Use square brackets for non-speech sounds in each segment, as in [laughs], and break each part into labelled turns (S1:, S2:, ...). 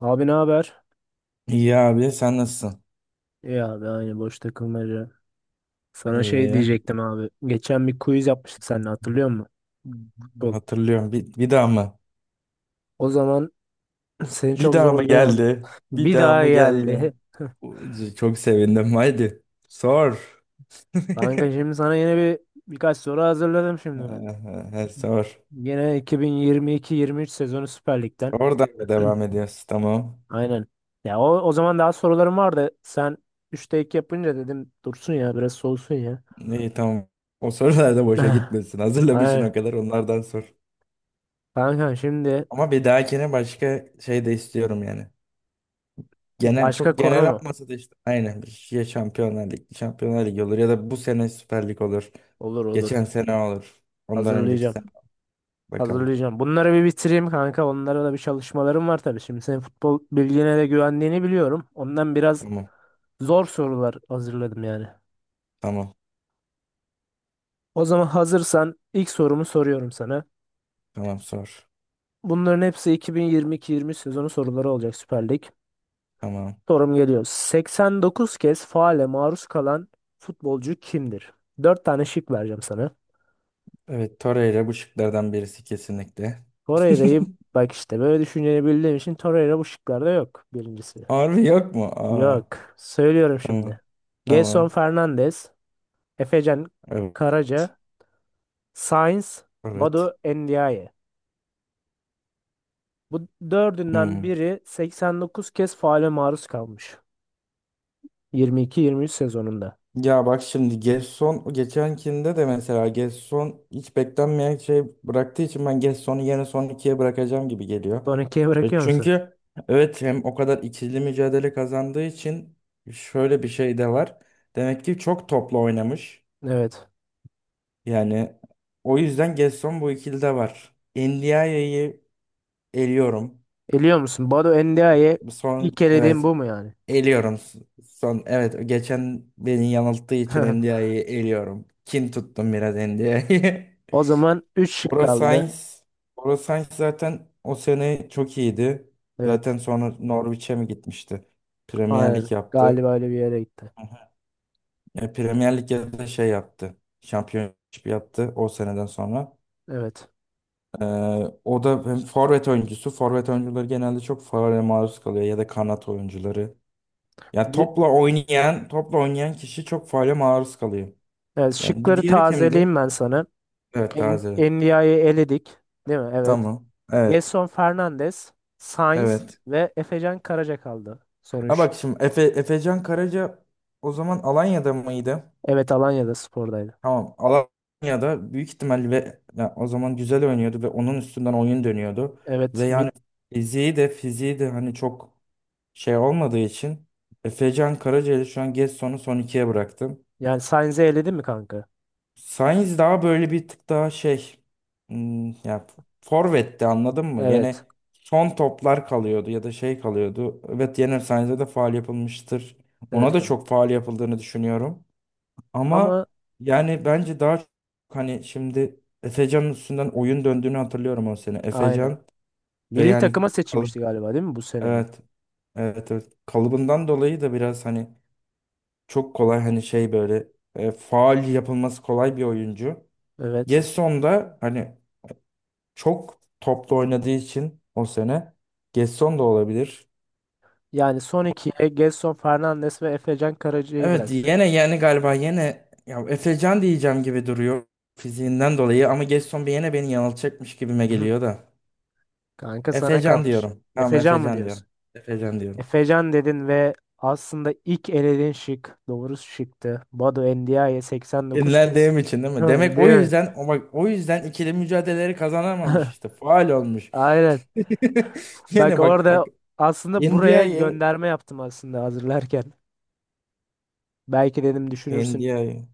S1: Abi ne haber?
S2: İyi abi sen nasılsın?
S1: İyi abi aynı boş takılmaca. Sana şey
S2: İyi.
S1: diyecektim abi. Geçen bir quiz yapmıştık seninle, hatırlıyor musun? Futbol.
S2: Hatırlıyorum. Bir daha mı?
S1: O zaman [clears throat] [laughs] seni
S2: Bir
S1: çok
S2: daha mı
S1: zorlayamadım.
S2: geldi? Bir
S1: Bir
S2: daha
S1: daha
S2: mı geldi?
S1: geldi.
S2: Çok sevindim. Haydi. Sor.
S1: [laughs]
S2: [laughs]
S1: Kanka şimdi sana yine birkaç soru hazırladım şimdi ben.
S2: He, Sor.
S1: Yine 2022-23 sezonu Süper Lig'den.
S2: Oradan mı devam
S1: [clears throat]
S2: ediyoruz? Tamam.
S1: Aynen. Ya o zaman daha sorularım vardı. Sen 3'te 2 yapınca dedim dursun ya, biraz soğusun ya.
S2: İyi, tamam. O sorular da boşa
S1: [laughs]
S2: gitmesin.
S1: [sighs]
S2: Hazırlamışsın
S1: Aynen.
S2: o kadar, onlardan sor.
S1: Kanka şimdi
S2: Ama bir dahakine başka şey de istiyorum yani. Genel,
S1: başka
S2: çok
S1: konu
S2: genel
S1: mu?
S2: olmasa da, işte aynen ya, Şampiyonlar Ligi, Şampiyonlar Ligi olur ya da bu sene Süper Lig olur.
S1: Olur olur.
S2: Geçen sene olur. Ondan önceki
S1: Hazırlayacağım.
S2: sene bakalım.
S1: Hazırlayacağım. Bunları bir bitireyim kanka. Onlara da bir çalışmalarım var tabii. Şimdi senin futbol bilgine de güvendiğini biliyorum. Ondan biraz
S2: Tamam.
S1: zor sorular hazırladım yani.
S2: Tamam.
S1: O zaman hazırsan ilk sorumu soruyorum sana.
S2: Tamam, sor.
S1: Bunların hepsi 2022-23 sezonu soruları olacak, Süper Lig.
S2: Tamam.
S1: Sorum geliyor. 89 kez faale maruz kalan futbolcu kimdir? 4 tane şık vereceğim sana.
S2: Evet, Torreira bu şıklardan birisi kesinlikle.
S1: Torreira'yı,
S2: [laughs]
S1: bak işte böyle düşüneceğini bildiğim için Torreira bu şıklarda yok, birincisi.
S2: Harbi yok mu? Aa,
S1: Yok. Söylüyorum
S2: tamam.
S1: şimdi.
S2: Tamam.
S1: Gelson Fernandes, Efecan
S2: Evet.
S1: Karaca, Sainz,
S2: Evet.
S1: Badu Endiaye. Bu dördünden
S2: Hmm.
S1: biri 89 kez faale maruz kalmış. 22-23 sezonunda.
S2: Ya bak şimdi Gerson, geçenkinde de mesela Gerson hiç beklenmeyen şey bıraktığı için, ben Gerson'u yine son ikiye bırakacağım gibi geliyor.
S1: Son ikiye
S2: E
S1: bırakıyor musun?
S2: çünkü evet, hem o kadar ikili mücadele kazandığı için şöyle bir şey de var. Demek ki çok toplu oynamış.
S1: Evet.
S2: Yani o yüzden Gerson bu ikilide var. Endiaye'yi eliyorum.
S1: Eliyor musun? Badu Endiaye
S2: Bu son,
S1: ilk elediğin
S2: evet,
S1: bu mu yani?
S2: eliyorum. Son, evet, geçen beni yanılttığı için
S1: [laughs]
S2: NDI'yi eliyorum. Kin tuttum biraz NDI'ye.
S1: O zaman üç
S2: [laughs]
S1: şık
S2: Bora
S1: kaldı.
S2: Sainz, Bora Sainz zaten o sene çok iyiydi.
S1: Evet.
S2: Zaten sonra Norwich'e mi gitmişti? Premier
S1: Aynen.
S2: Lig yaptı.
S1: Galiba öyle bir yere gitti.
S2: Premier Lig'de de şey yaptı. Championship yaptı o seneden sonra.
S1: Evet.
S2: E, O da hem forvet oyuncusu. Forvet oyuncuları genelde çok faule maruz kalıyor, ya da kanat oyuncuları. Ya
S1: Bir-
S2: topla oynayan kişi çok faale maruz kalıyor.
S1: Evet,
S2: Yani bir
S1: şıkları
S2: diğeri kimdi?
S1: tazeleyeyim ben sana.
S2: Evet, taze.
S1: Endia'yı eledik. Değil mi? Evet.
S2: Tamam. Evet.
S1: Gelson Fernandes, Sainz
S2: Evet.
S1: ve Efecan Karaca kaldı. Son
S2: Ha
S1: 3.
S2: bak şimdi Efecan Karaca o zaman Alanya'da mıydı?
S1: Evet, Alanya'da spordaydı.
S2: Tamam. Alanya'da büyük ihtimalle, ve ya o zaman güzel oynuyordu ve onun üstünden oyun dönüyordu.
S1: Evet.
S2: Ve yani fiziği de hani çok şey olmadığı için Efecan Karaca'yı, şu an Gedson'u son ikiye bıraktım.
S1: Yani Sainz'i eledin mi kanka?
S2: Sainz daha böyle bir tık daha şey, hmm, ya forvetti, anladın mı?
S1: Evet.
S2: Yine son toplar kalıyordu ya da şey kalıyordu. Evet, yine Sainz'e de faul yapılmıştır. Ona
S1: Evet
S2: da
S1: kanka.
S2: çok faul yapıldığını düşünüyorum.
S1: Ama
S2: Ama yani bence daha çok, hani şimdi Efecan'ın üstünden oyun döndüğünü hatırlıyorum o sene.
S1: aynen.
S2: Efecan ve
S1: Milli
S2: yani
S1: takıma
S2: kalıp,
S1: seçilmişti galiba, değil mi, bu sene mi?
S2: evet evet, kalıbından dolayı da biraz hani çok kolay, hani şey böyle, faul yapılması kolay bir oyuncu.
S1: Evet.
S2: Gesson da hani çok toplu oynadığı için o sene, Gesson da olabilir.
S1: Yani son ikiye Gelson Fernandes ve Efecan Karaca'yı
S2: Evet
S1: bıraktı.
S2: yine, yani galiba yine ya Efecan diyeceğim gibi duruyor fiziğinden dolayı, ama Gesson bir yine beni yanıltacakmış gibime geliyor
S1: [laughs]
S2: da.
S1: Kanka sana
S2: Efecan
S1: kalmış.
S2: diyorum. Tamam,
S1: Efecan mı
S2: Efecan
S1: diyorsun?
S2: diyorum. Efecan diyorum.
S1: Efecan dedin ve aslında ilk elediğin şık doğru şıktı. Badu Endiaye 89 kez.
S2: Dinlendiğim için değil
S1: [laughs]
S2: mi? Demek o
S1: Değil mi?
S2: yüzden, o bak, o yüzden ikili mücadeleleri kazanamamış
S1: [laughs]
S2: işte. Faal olmuş.
S1: Aynen.
S2: [laughs]
S1: Bak
S2: Yine bak
S1: orada
S2: bak
S1: aslında buraya
S2: India'yı,
S1: gönderme yaptım aslında hazırlarken. Belki dedim düşünürsün.
S2: India'yı,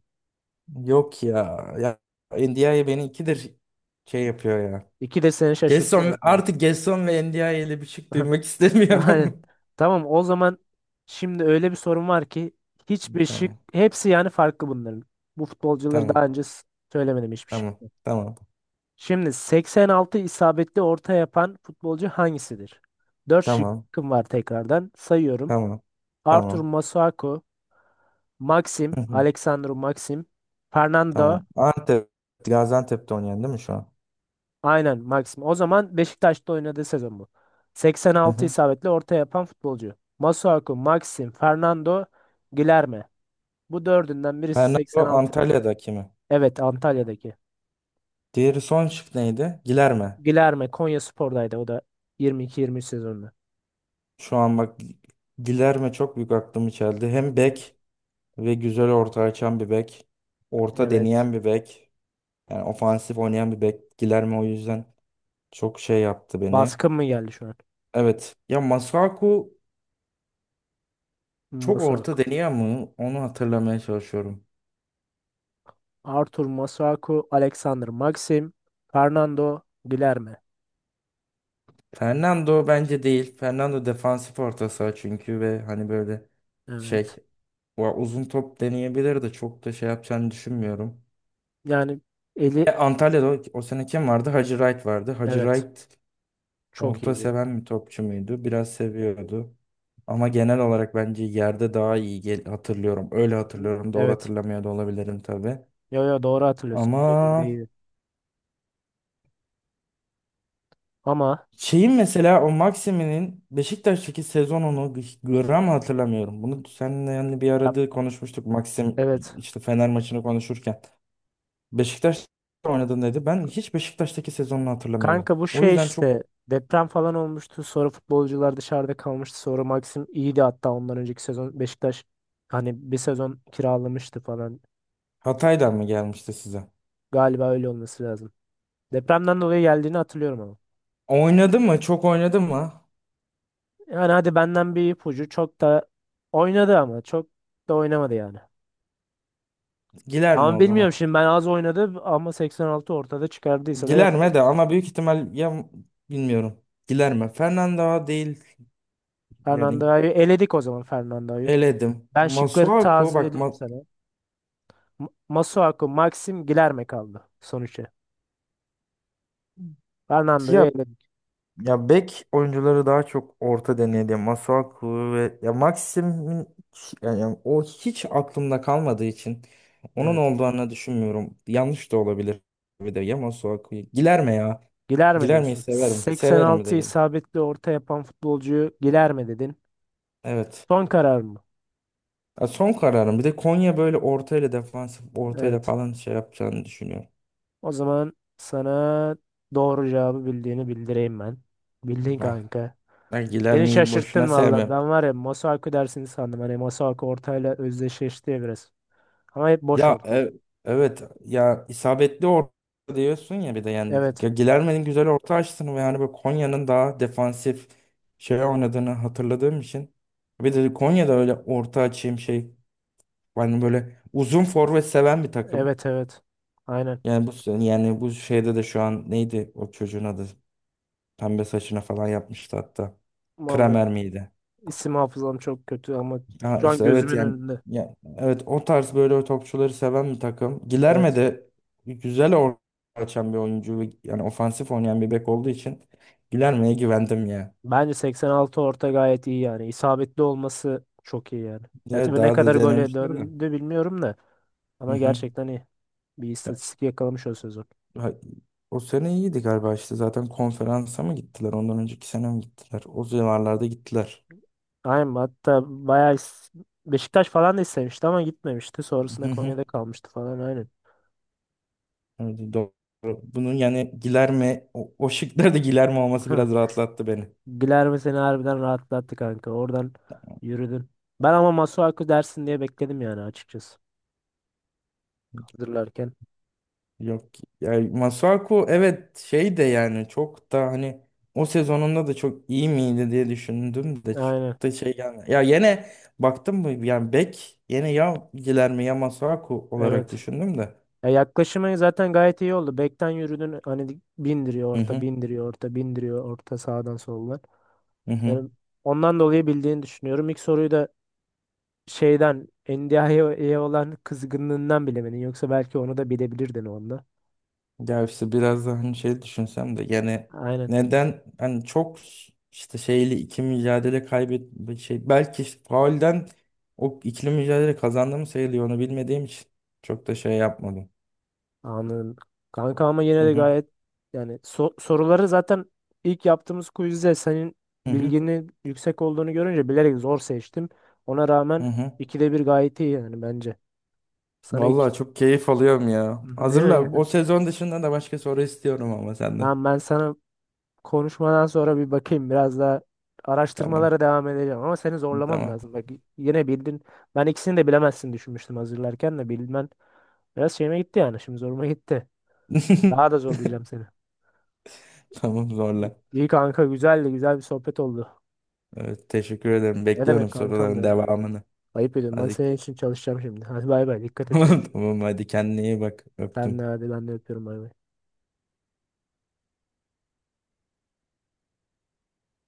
S2: yok ya. Ya India'yı beni ikidir şey yapıyor ya.
S1: İki de seni şaşırtıyor
S2: Gerson,
S1: yani.
S2: artık Gerson ve NDI ile bir şey duymak
S1: [laughs] Aynen.
S2: istemiyorum.
S1: Tamam, o zaman şimdi öyle bir sorun var ki hiçbir
S2: [laughs]
S1: şık,
S2: Tamam.
S1: hepsi yani farklı bunların. Bu futbolcuları
S2: Tamam.
S1: daha önce söylemedim, hiçbir
S2: Tamam.
S1: şık.
S2: Tamam.
S1: Şimdi 86 isabetli orta yapan futbolcu hangisidir? 4
S2: Tamam.
S1: şıkkım var tekrardan. Sayıyorum.
S2: Tamam.
S1: Arthur
S2: Tamam.
S1: Masuaku,
S2: Hı hı,
S1: Alexandru Maxim, Fernando.
S2: tamam. Antep, Gaziantep'te oynayan değil mi şu an?
S1: Aynen Maxim. O zaman Beşiktaş'ta oynadığı sezon bu.
S2: Hı
S1: 86
S2: hı.
S1: isabetli orta yapan futbolcu. Masuaku, Maxim, Fernando, Guilherme. Bu dördünden birisi
S2: Bernardo
S1: 86.
S2: Antalya'daki mi?
S1: Evet, Antalya'daki.
S2: Diğeri, son şık neydi? Gilerme.
S1: Guilherme Konyaspor'daydı o da, 22-23 sezonunda.
S2: Şu an bak, Gilerme çok büyük aklımı çeldi. Hem bek ve güzel orta açan bir bek. Orta
S1: Evet.
S2: deneyen bir bek. Yani ofansif oynayan bir bek. Gilerme o yüzden çok şey yaptı beni.
S1: Baskın mı geldi şu an?
S2: Evet. Ya Masuaku çok orta
S1: Masuaku.
S2: deniyor mu? Onu hatırlamaya çalışıyorum.
S1: Arthur Masuaku, Alexander Maxim, Fernando Guilherme.
S2: Fernando bence değil. Fernando defansif orta saha, çünkü ve hani böyle şey,
S1: Evet.
S2: o uzun top deneyebilir de, çok da şey yapacağını düşünmüyorum.
S1: Yani eli
S2: Antalya'da o sene kim vardı? Hacı Wright vardı. Hacı
S1: evet
S2: Wright
S1: çok
S2: orta
S1: iyiydi.
S2: seven bir topçu muydu? Biraz seviyordu. Ama genel olarak bence yerde daha iyi gel- hatırlıyorum. Öyle
S1: Hı.
S2: hatırlıyorum. Doğru
S1: Evet.
S2: hatırlamıyor da olabilirim tabii.
S1: Yo yo, doğru hatırlıyorsun.
S2: Ama
S1: Birebir değildi. Ama
S2: şeyin mesela, o Maximin'in Beşiktaş'taki sezonunu gram hatırlamıyorum. Bunu seninle yani bir
S1: ya,
S2: arada konuşmuştuk. Maxim
S1: evet.
S2: işte Fener maçını konuşurken. Beşiktaş oynadın dedi. Ben hiç Beşiktaş'taki sezonunu hatırlamıyorum.
S1: Kanka bu
S2: O
S1: şey
S2: yüzden çok
S1: işte, deprem falan olmuştu. Sonra futbolcular dışarıda kalmıştı. Sonra Maxim iyiydi, hatta ondan önceki sezon Beşiktaş hani bir sezon kiralamıştı falan.
S2: Hatay'dan mı gelmişti size?
S1: Galiba öyle olması lazım. Depremden dolayı geldiğini hatırlıyorum ama.
S2: Oynadı mı? Çok oynadı mı?
S1: Yani hadi, benden bir ipucu. Çok da oynadı ama çok da oynamadı yani.
S2: Giler mi
S1: Ama
S2: o zaman?
S1: bilmiyorum şimdi, ben az oynadı ama 86 ortada çıkardıysa da
S2: Giler
S1: yapacak.
S2: mi de, ama büyük ihtimal ya, bilmiyorum. Giler mi? Fernando değil yani,
S1: Fernando'yu eledik o zaman, Fernando'yu.
S2: eledim.
S1: Ben şıkları
S2: Masuaku bak,
S1: tazeleyeyim
S2: ma-
S1: sana. Masuaku, Maxim, Gilerme kaldı sonuçta. Fernando'yu
S2: ya,
S1: eledik.
S2: ya bek oyuncuları daha çok orta denedi. Masuaku ve ya Maxim'in, yani yani o hiç aklımda kalmadığı için onun
S1: Evet.
S2: olduğunu düşünmüyorum. Yanlış da olabilir. Bir de ya Masuaku. Giler mi ya?
S1: Gilerme
S2: Giler miyi
S1: diyorsun.
S2: severim. Severim, bir de
S1: 86
S2: gel.
S1: isabetli orta yapan futbolcuyu Gilerme dedin.
S2: Evet.
S1: Son karar mı?
S2: Ya son kararım. Bir de Konya böyle ortayla, defansif ortayla
S1: Evet.
S2: falan şey yapacağını düşünüyorum.
S1: O zaman sana doğru cevabı bildiğini bildireyim ben. Bildin
S2: Ah,
S1: kanka.
S2: ben Giler
S1: Beni
S2: miyi boşuna
S1: şaşırttın valla.
S2: sevmem.
S1: Ben var ya, Masuaku dersini sandım. Hani Masuaku ortayla özdeşleşti ya biraz. Ama hep boş
S2: Ya
S1: ortaya.
S2: e- evet, ya isabetli orta diyorsun ya, bir de yani
S1: Evet.
S2: Ge- Gilerme'nin güzel orta açtığını, ve yani böyle Konya'nın daha defansif şey oynadığını hatırladığım için, bir de Konya'da öyle orta açayım şey, yani böyle uzun forvet seven bir takım.
S1: Evet evet. Aynen.
S2: Yani bu, yani bu şeyde de şu an neydi o çocuğun adı? Pembe saçına falan yapmıştı hatta.
S1: Vallahi
S2: Kramer miydi?
S1: isim hafızam çok kötü ama
S2: Ha
S1: şu an
S2: işte evet
S1: gözümün
S2: yani,
S1: önünde.
S2: ya, evet o tarz böyle topçuları seven bir takım. Gilerme
S1: Evet.
S2: de güzel orta açan bir oyuncu ve yani ofansif oynayan bir bek olduğu için Gilerme'ye güvendim ya.
S1: Bence 86 orta gayet iyi yani. İsabetli olması çok iyi yani. Ya
S2: Ya
S1: tabii ne
S2: daha
S1: kadar
S2: da
S1: gole
S2: denemişler de.
S1: döndü bilmiyorum da.
S2: Hı
S1: Ama
S2: hı.
S1: gerçekten iyi. Bir
S2: Ya,
S1: istatistik yakalamış o sezon.
S2: ha- o sene iyiydi galiba işte, zaten konferansa mı gittiler, ondan önceki sene mi gittiler? O civarlarda gittiler.
S1: Aynen, hatta bayağı Beşiktaş falan da istemişti ama gitmemişti. Sonrasında
S2: Hı hı.
S1: Konya'da kalmıştı falan, aynen.
S2: Evet, doğru. Bunun yani Gilerme, o şıklarda Guilherme
S1: [laughs]
S2: olması
S1: Heh.
S2: biraz rahatlattı beni.
S1: Guilherme seni harbiden rahatlattı kanka. Oradan yürüdün. Ben ama Masuaku dersin diye bekledim yani, açıkçası. Hazırlarken.
S2: Yok yani Masuaku, evet şey de, yani çok da hani o sezonunda da çok iyi miydi diye düşündüm de, çok
S1: Aynen.
S2: da şey yani, ya yine baktım mı yani bek, yine ya Guilherme ya Masuaku olarak
S1: Evet.
S2: düşündüm de.
S1: Ya yaklaşımı zaten gayet iyi oldu. Bekten yürüdün hani, bindiriyor
S2: Hı
S1: orta,
S2: hı.
S1: bindiriyor orta, bindiriyor orta, sağdan soldan.
S2: Hı hı.
S1: Yani ondan dolayı bildiğini düşünüyorum. İlk soruyu da şeyden, NDI'ye olan kızgınlığından bilemedin. Yoksa belki onu da bilebilirdin onda.
S2: Ya işte biraz daha hani şey düşünsem de yani,
S1: Aynen.
S2: neden hani çok, işte şeyli iki mücadele kaybet şey, belki işte faulden o ikili mücadele kazandığımı sayılıyor, onu bilmediğim için çok da şey yapmadım.
S1: Anladım. Kanka ama yine
S2: Hı
S1: de
S2: hı.
S1: gayet yani, soruları zaten ilk yaptığımız quizde senin
S2: Hı hı.
S1: bilginin yüksek olduğunu görünce bilerek zor seçtim. Ona
S2: Hı
S1: rağmen
S2: hı.
S1: ikide bir gayet iyi yani bence. Sana iki
S2: Vallahi çok keyif alıyorum ya.
S1: [laughs] değil
S2: Hazırla.
S1: mi?
S2: O sezon dışında da başka soru istiyorum ama senden.
S1: Ben sana konuşmadan sonra bir bakayım, biraz daha
S2: Tamam.
S1: araştırmalara devam edeceğim ama seni zorlamam
S2: Tamam.
S1: lazım. Bak yine bildin. Ben ikisini de bilemezsin düşünmüştüm, hazırlarken de bilmen biraz şeyime gitti yani, şimdi zoruma gitti.
S2: [laughs]
S1: Daha da zorlayacağım seni.
S2: Tamam, zorla.
S1: İyi kanka, güzeldi, güzel bir sohbet oldu.
S2: Evet, teşekkür ederim.
S1: Ne demek
S2: Bekliyorum
S1: kankam
S2: soruların
S1: be?
S2: devamını.
S1: Ayıp ediyorum. Ben
S2: Hadi.
S1: senin
S2: [laughs]
S1: için çalışacağım şimdi. Hadi bay bay. Dikkat et,
S2: Tamam
S1: görüşürüz.
S2: tamam, hadi kendine iyi bak.
S1: Sen de
S2: Öptüm.
S1: hadi, ben de öpüyorum, bay bay.